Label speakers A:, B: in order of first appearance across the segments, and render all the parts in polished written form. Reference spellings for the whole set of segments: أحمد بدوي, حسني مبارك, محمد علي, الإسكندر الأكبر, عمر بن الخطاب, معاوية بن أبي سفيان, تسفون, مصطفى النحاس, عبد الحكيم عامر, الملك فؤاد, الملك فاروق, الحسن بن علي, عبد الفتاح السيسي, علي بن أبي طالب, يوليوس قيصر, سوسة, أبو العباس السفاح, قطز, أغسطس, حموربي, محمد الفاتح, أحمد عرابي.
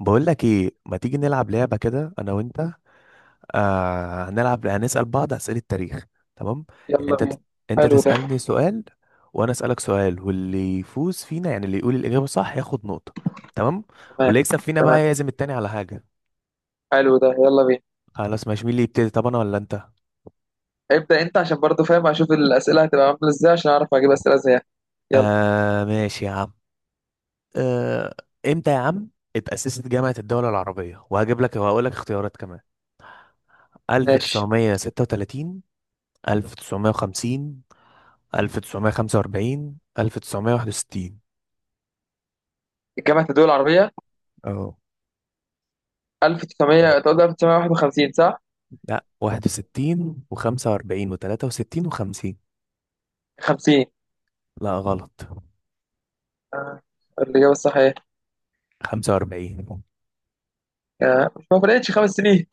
A: بقول لك ايه، ما تيجي نلعب لعبة كده انا وانت؟ آه هنلعب، هنسأل بعض أسئلة تاريخ. تمام. يعني
B: يلا بينا.
A: انت
B: حلو ده.
A: تسألني سؤال، وانا أسألك سؤال، واللي يفوز فينا يعني اللي يقول الإجابة صح ياخد نقطة. تمام.
B: تمام
A: واللي يكسب فينا بقى
B: تمام.
A: يعزم التاني على حاجة.
B: حلو ده، يلا بينا.
A: خلاص ماشي، مين اللي يبتدي؟ طب انا ولا انت؟
B: ابدأ انت عشان برضو فاهم اشوف الأسئلة هتبقى عاملة ازاي عشان اعرف اجيب أسئلة زيها. يلا.
A: آه ماشي يا عم. آه، امتى يا عم اتأسست جامعة الدول العربية؟ وهجيب لك وهقول لك اختيارات كمان.
B: ماشي.
A: 1936، 1950، 1945، 1961.
B: الجامعة الدول العربية
A: اه.
B: 1900، تقول 1951 صح؟
A: لا، 61 و45 و63 و50.
B: 50.
A: لا، غلط.
B: آه، الإجابة الصحيحة.
A: 45.
B: آه، مش ما فرقتش 5 سنين؟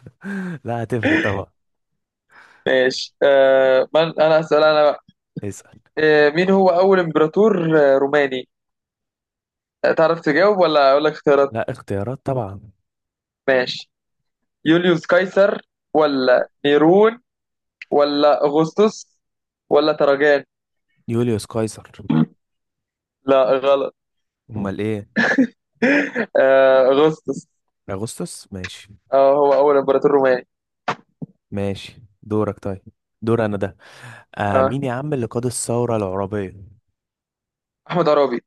A: لا، هتفرق طبعا.
B: ماشي. من انا أسأل انا بقى.
A: اسأل.
B: مين هو اول امبراطور روماني. تعرف تجاوب ولا اقول لك اختيارات؟
A: لا، اختيارات طبعا.
B: ماشي. يوليوس قيصر ولا نيرون ولا أغسطس ولا تراجان.
A: يوليوس قيصر.
B: لا غلط.
A: امال ايه؟
B: أغسطس.
A: اغسطس؟ ماشي.
B: اه هو أول إمبراطور روماني.
A: ماشي دورك. طيب دور انا ده. آه،
B: اه
A: مين يا عم اللي قاد الثورة العربية؟
B: أحمد عرابي.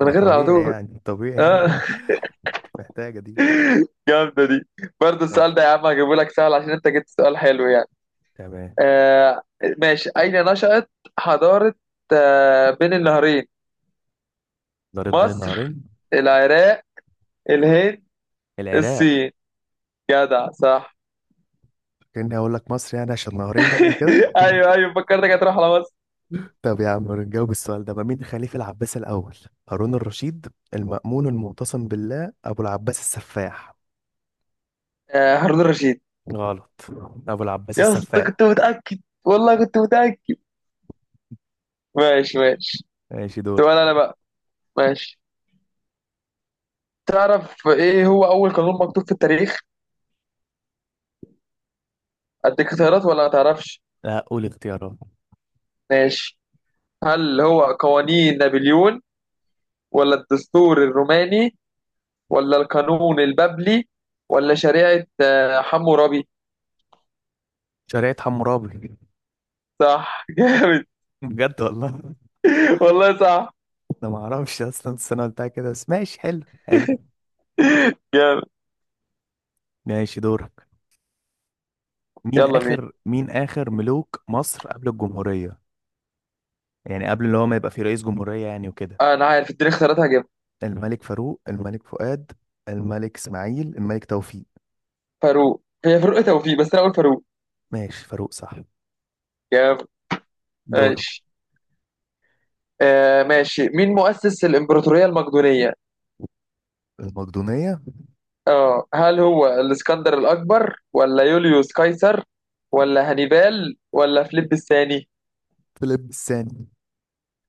B: من
A: ما
B: غير على
A: طبيعي
B: طول.
A: يعني، طبيعي.
B: اه.
A: مش محتاجة دي.
B: جامدة دي. برضه
A: ماشي.
B: السؤال ده يا عم هجيبه لك سهل عشان أنت جبت سؤال حلو يعني.
A: تمام.
B: آه. ماشي. أين نشأت حضارة بين النهرين؟
A: ضرب بين
B: مصر،
A: النهرين.
B: العراق، الهند،
A: العراق.
B: الصين. جدع صح.
A: كأني أقول لك مصر يعني، عشان نهرين يعني وكده.
B: ايوه ايوه، فكرتك هتروح على مصر.
A: طب يا عم نجاوب السؤال ده، ما مين خليفة العباس الأول؟ هارون الرشيد، المأمون، المعتصم بالله، أبو العباس السفاح.
B: آه هارون الرشيد.
A: غلط، أبو العباس
B: يا اسطى
A: السفاح.
B: كنت متأكد، والله كنت متأكد. ماشي ماشي.
A: ماشي دور.
B: سؤال انا بقى. ماشي. تعرف ايه هو اول قانون مكتوب في التاريخ؟ اديك اختيارات ولا ما تعرفش؟
A: لا، قول اختيارات.
B: ماشي. هل هو قوانين نابليون ولا الدستور الروماني ولا القانون البابلي ولا شريعة حموربي؟
A: شريعة حمورابي.
B: صح. جامد.
A: بجد والله.
B: والله صح.
A: أنا ما أعرفش أصلا السنة بتاع كده، بس ماشي، حلو حلو.
B: جامد.
A: ماشي دورك. مين
B: يلا مين؟
A: آخر مين آخر ملوك مصر قبل الجمهورية؟ يعني قبل اللي هو ما يبقى في رئيس جمهورية يعني وكده.
B: انا عارف، اديني اختيارات هجيبها.
A: الملك فاروق، الملك فؤاد، الملك اسماعيل، الملك توفيق.
B: فاروق، هي فاروق إيه توفيق، بس انا اقول فاروق.
A: ماشي، فاروق صح.
B: جامد.
A: دور.
B: ماشي. آه، ماشي. مين مؤسس الإمبراطورية المقدونية؟
A: المقدونية.
B: اه هل هو الإسكندر الأكبر ولا يوليوس قيصر ولا هانيبال ولا فيليب الثاني؟
A: فيليب الثاني.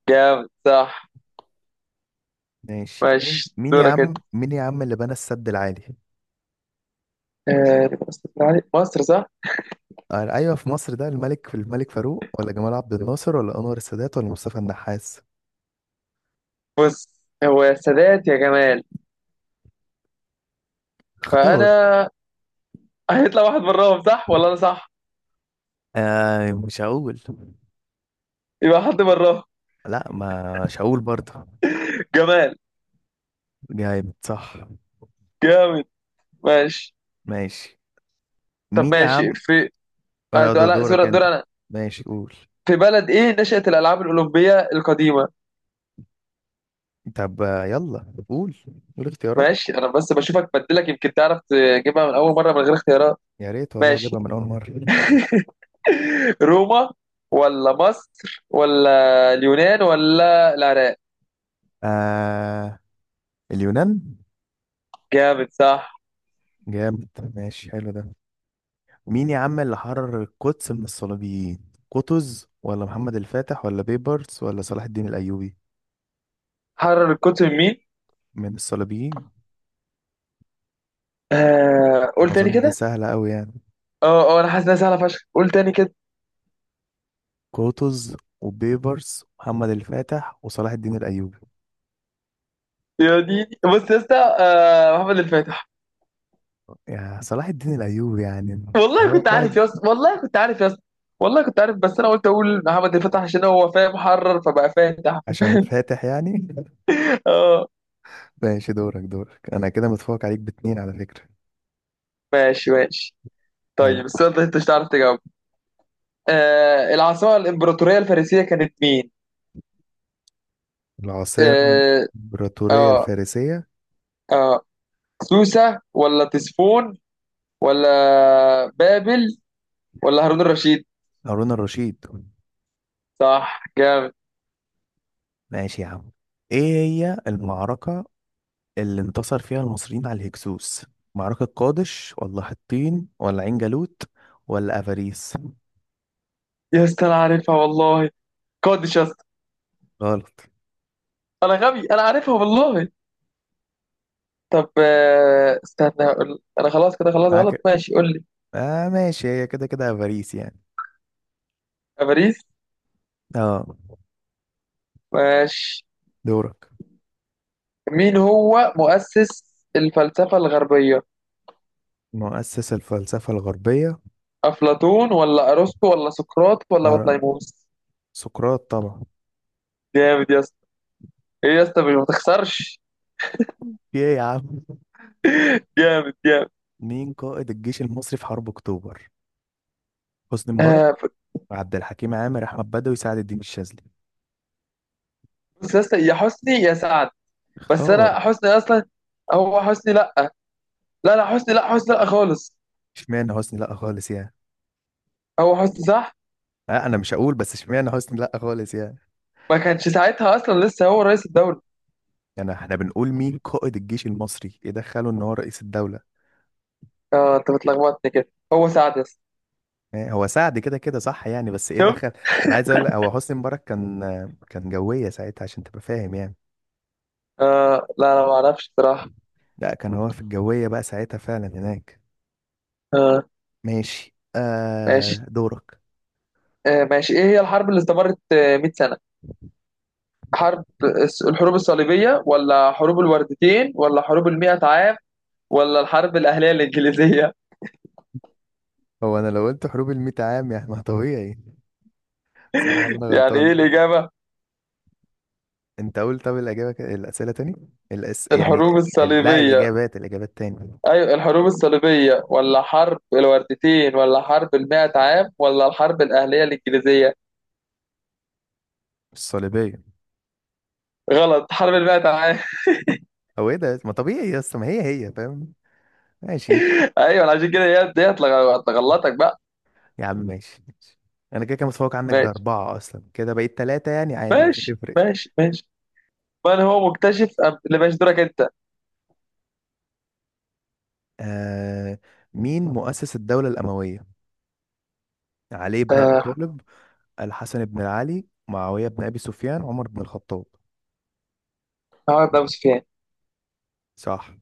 B: جامد صح.
A: ماشي، مين
B: ماشي
A: مين يا
B: دورك انت.
A: عم مين يا عم اللي بنى السد العالي؟
B: آه دي مصر مصر، صح؟
A: آه، ايوه في مصر. ده الملك، الملك فاروق ولا جمال عبد الناصر ولا انور السادات ولا مصطفى النحاس؟
B: بص هو يا سادات يا جمال.
A: اختار.
B: فأنا... هيطلع واحد براهم صح ولا أنا صح؟
A: آه مش هقول.
B: يبقى حد براهم.
A: لا، ما مش هقول برضه.
B: جمال.
A: جامد صح.
B: جامد. ماشي.
A: ماشي.
B: طب
A: مين يا عم؟
B: ماشي في. آه،
A: آه ده دورك
B: دور
A: انت.
B: دور أنا.
A: ماشي قول.
B: في بلد إيه نشأت الألعاب الأولمبية القديمة؟
A: طب يلا قول. قول اختيارات.
B: ماشي انا بس بشوفك بدلك يمكن تعرف تجيبها من اول مره من غير اختيارات.
A: يا ريت والله
B: ماشي.
A: اجيبها من اول مره.
B: روما ولا مصر ولا اليونان ولا العراق.
A: آه، اليونان.
B: جامد صح.
A: جامد. ماشي حلو ده. مين يا عم اللي حرر القدس من الصليبيين؟ قطز ولا محمد الفاتح ولا بيبرس ولا صلاح الدين الايوبي؟
B: حرر القطب مين؟
A: من الصليبيين.
B: آه قول تاني
A: اظن دي
B: كده.
A: سهله قوي يعني.
B: اه اه انا حاسس انها سهله فشخ، قول تاني كده.
A: قطز وبيبرس، محمد الفاتح وصلاح الدين الايوبي.
B: يا ديني بص يا اسطى، آه محمد الفاتح.
A: يا صلاح الدين الايوبي يعني.
B: والله
A: هو
B: كنت عارف
A: قائد.
B: يا اسطى، والله كنت عارف يا اسطى، والله كنت عارف، بس انا قلت اقول محمد الفاتح عشان هو فاهم حرر فبقى فاتح.
A: عشان فاتح يعني.
B: اه.
A: ماشي دورك. دورك. انا كده متفوق عليك باتنين على فكره.
B: ماشي ماشي.
A: يلا.
B: طيب السؤال ده انت مش هتعرف تجاوبه. آه، العاصمة الإمبراطورية الفارسية كانت مين؟
A: العاصمة
B: آه.
A: الإمبراطورية
B: آه.
A: الفارسية.
B: آه سوسة ولا تسفون ولا بابل ولا هارون الرشيد؟
A: هارون الرشيد.
B: صح جامد.
A: ماشي يا عم. ايه هي المعركة اللي انتصر فيها المصريين على الهكسوس؟ معركة قادش ولا حطين ولا عين جالوت ولا افاريس؟
B: يا اسطى أنا عارفها والله. قادش يا اسطى.
A: غلط.
B: أنا غبي، أنا عارفها والله. طب استنى أقول، أنا خلاص كده خلاص غلط.
A: معاك.
B: ماشي قول لي.
A: اه ماشي، هي كده كده افاريس يعني.
B: باريس.
A: اه
B: ماشي.
A: دورك.
B: مين هو مؤسس الفلسفة الغربية؟
A: مؤسس الفلسفة الغربية.
B: أفلاطون ولا أرسطو ولا سقراط ولا
A: مر-
B: بطليموس؟
A: سقراط طبعا.
B: جامد يا. ايه يا اسطى، مش ما تخسرش.
A: في ايه يا عم؟
B: جامد جامد.
A: مين قائد الجيش المصري في حرب اكتوبر؟ حسني مبارك،
B: آه،
A: عبد الحكيم عامر، احمد بدوي، سعد الدين الشاذلي.
B: بص يا اسطى يا حسني يا سعد. بس
A: اختار.
B: انا حسني اصلا. هو حسني لا. لا لا حسني لا حسني لا خالص.
A: اشمعنى حسني لا خالص يعني؟
B: هو حسني صح.
A: لا انا مش هقول، بس اشمعنى حسني لا خالص يعني؟
B: ما كانش ساعتها اصلا لسه هو رئيس الدوري.
A: يعني احنا بنقول مين قائد الجيش المصري، ايه دخله ان هو رئيس الدوله؟
B: اه انت بتلخبطني كده، هو سعد يا اسطى.
A: إيه هو سعد، كده كده صح يعني، بس ايه
B: شوف.
A: دخل؟ انا عايز اقول لك هو حسني مبارك كان، كان جويه ساعتها عشان تبقى فاهم يعني.
B: آه لا انا ما اعرفش بصراحه.
A: لا، كان هو في الجويه بقى ساعتها فعلا هناك.
B: آه.
A: ماشي
B: ماشي.
A: آه، دورك.
B: آه ماشي. ايه هي الحرب اللي استمرت 100 سنه؟ حرب الحروب الصليبيه ولا حروب الوردتين ولا حروب ال 100 عام ولا الحرب الاهليه الانجليزيه؟
A: هو انا لو قلت حروب الميت عام يعني، ما طبيعي؟ صح ولا انا
B: يعني ايه
A: غلطان؟
B: الاجابه؟
A: انت قول. طب الاجابه الاسئله تاني. يعني.
B: الحروب
A: لا
B: الصليبية.
A: الإجابات، الإجابات تاني.
B: أيوة، الحروب الصليبية ولا حرب الوردتين ولا حرب المائة عام ولا الحرب الأهلية الإنجليزية؟
A: الصليبية.
B: غلط، حرب المائة عام.
A: او ايه ده، ما طبيعي يا اسطى، ما هي هي فاهم. ماشي
B: أيوة عشان كده هي ديت تغلطك بقى.
A: يا عم. ماشي ماشي. انا كده كده متفوق عنك
B: ماشي
A: باربعة، اصلا كده بقيت ثلاثة يعني، عادي مش
B: ماشي
A: هتفرق.
B: ماشي ماشي. من هو مكتشف اللي، ماشي دورك أنت.
A: آه، مين مؤسس الدولة الأموية؟ علي بن أبي
B: آه.
A: طالب، الحسن بن علي، معاوية بن أبي سفيان، عمر بن الخطاب.
B: هقعد أبو سفيان.
A: صح.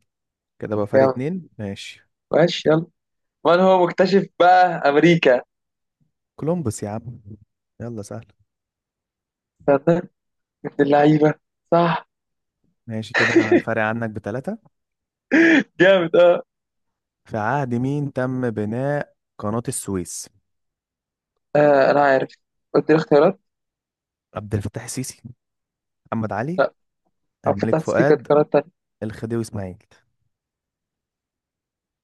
A: كده بقى فرق
B: يلا
A: اتنين. ماشي.
B: ماشي يلا. من هو مكتشف بقى أمريكا؟
A: كولومبوس يا عم. يلا سهل.
B: استنى. ابن اللعيبة. صح.
A: ماشي، كده انا فارق عنك بتلاتة.
B: جامد اه.
A: في عهد مين تم بناء قناة السويس؟
B: آه، أنا عارف. قلت لي اختيارات.
A: عبد الفتاح السيسي، محمد علي،
B: أو
A: الملك
B: فتحت ستيكر
A: فؤاد،
B: اختيارات.
A: الخديوي اسماعيل.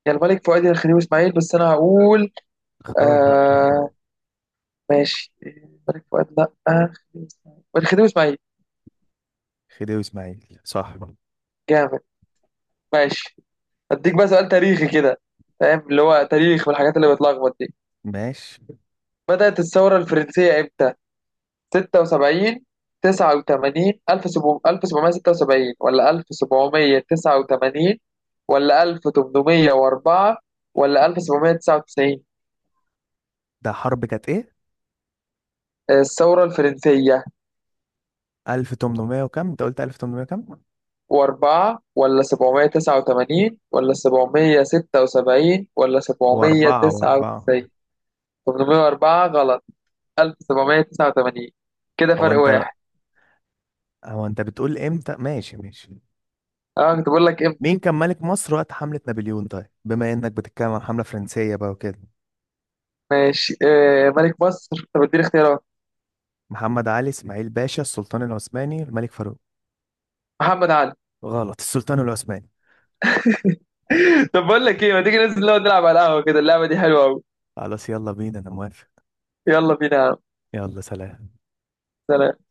B: يا الملك فؤاد يا الخديوي اسماعيل، بس انا هقول.
A: اختار بقى.
B: آه ماشي، الملك فؤاد لا. آه خديوي اسماعيل، الخديوي اسماعيل.
A: خديوي اسماعيل صح.
B: جامد. ماشي. اديك بقى سؤال تاريخي كده، فاهم اللي هو تاريخ والحاجات اللي بتلخبط دي.
A: ماشي.
B: بدأت الثورة الفرنسية امتى؟ 76 89 1776 ولا 1789 ولا 1804 ولا 1799؟
A: ده حرب كانت ايه؟
B: الثورة الفرنسية.
A: 1800 وكم انت قلت؟ 1800 كم؟
B: وأربعة ولا 789 ولا 776 ولا سبعمية
A: واربعة،
B: تسعة
A: واربعة.
B: وتسعين 804 غلط. 1789. كده
A: هو
B: فرق
A: انت،
B: واحد.
A: هو انت بتقول امتى؟ ماشي ماشي.
B: أه كنت بقول لك إمتى.
A: مين كان ملك مصر وقت حملة نابليون؟ طيب بما انك بتتكلم عن حملة فرنسية بقى وكده.
B: ماشي. آه ملك مصر، طب اديني اختيارات.
A: محمد علي، اسماعيل باشا، السلطان العثماني، الملك فاروق.
B: محمد علي.
A: غلط، السلطان العثماني.
B: طب بقول لك إيه، ما تيجي ننزل نقعد نلعب على القهوة كده، اللعبة دي حلوة أوي.
A: خلاص يلا بينا، انا موافق.
B: يلا بينا يا عم.
A: يلا، سلام.
B: سلام.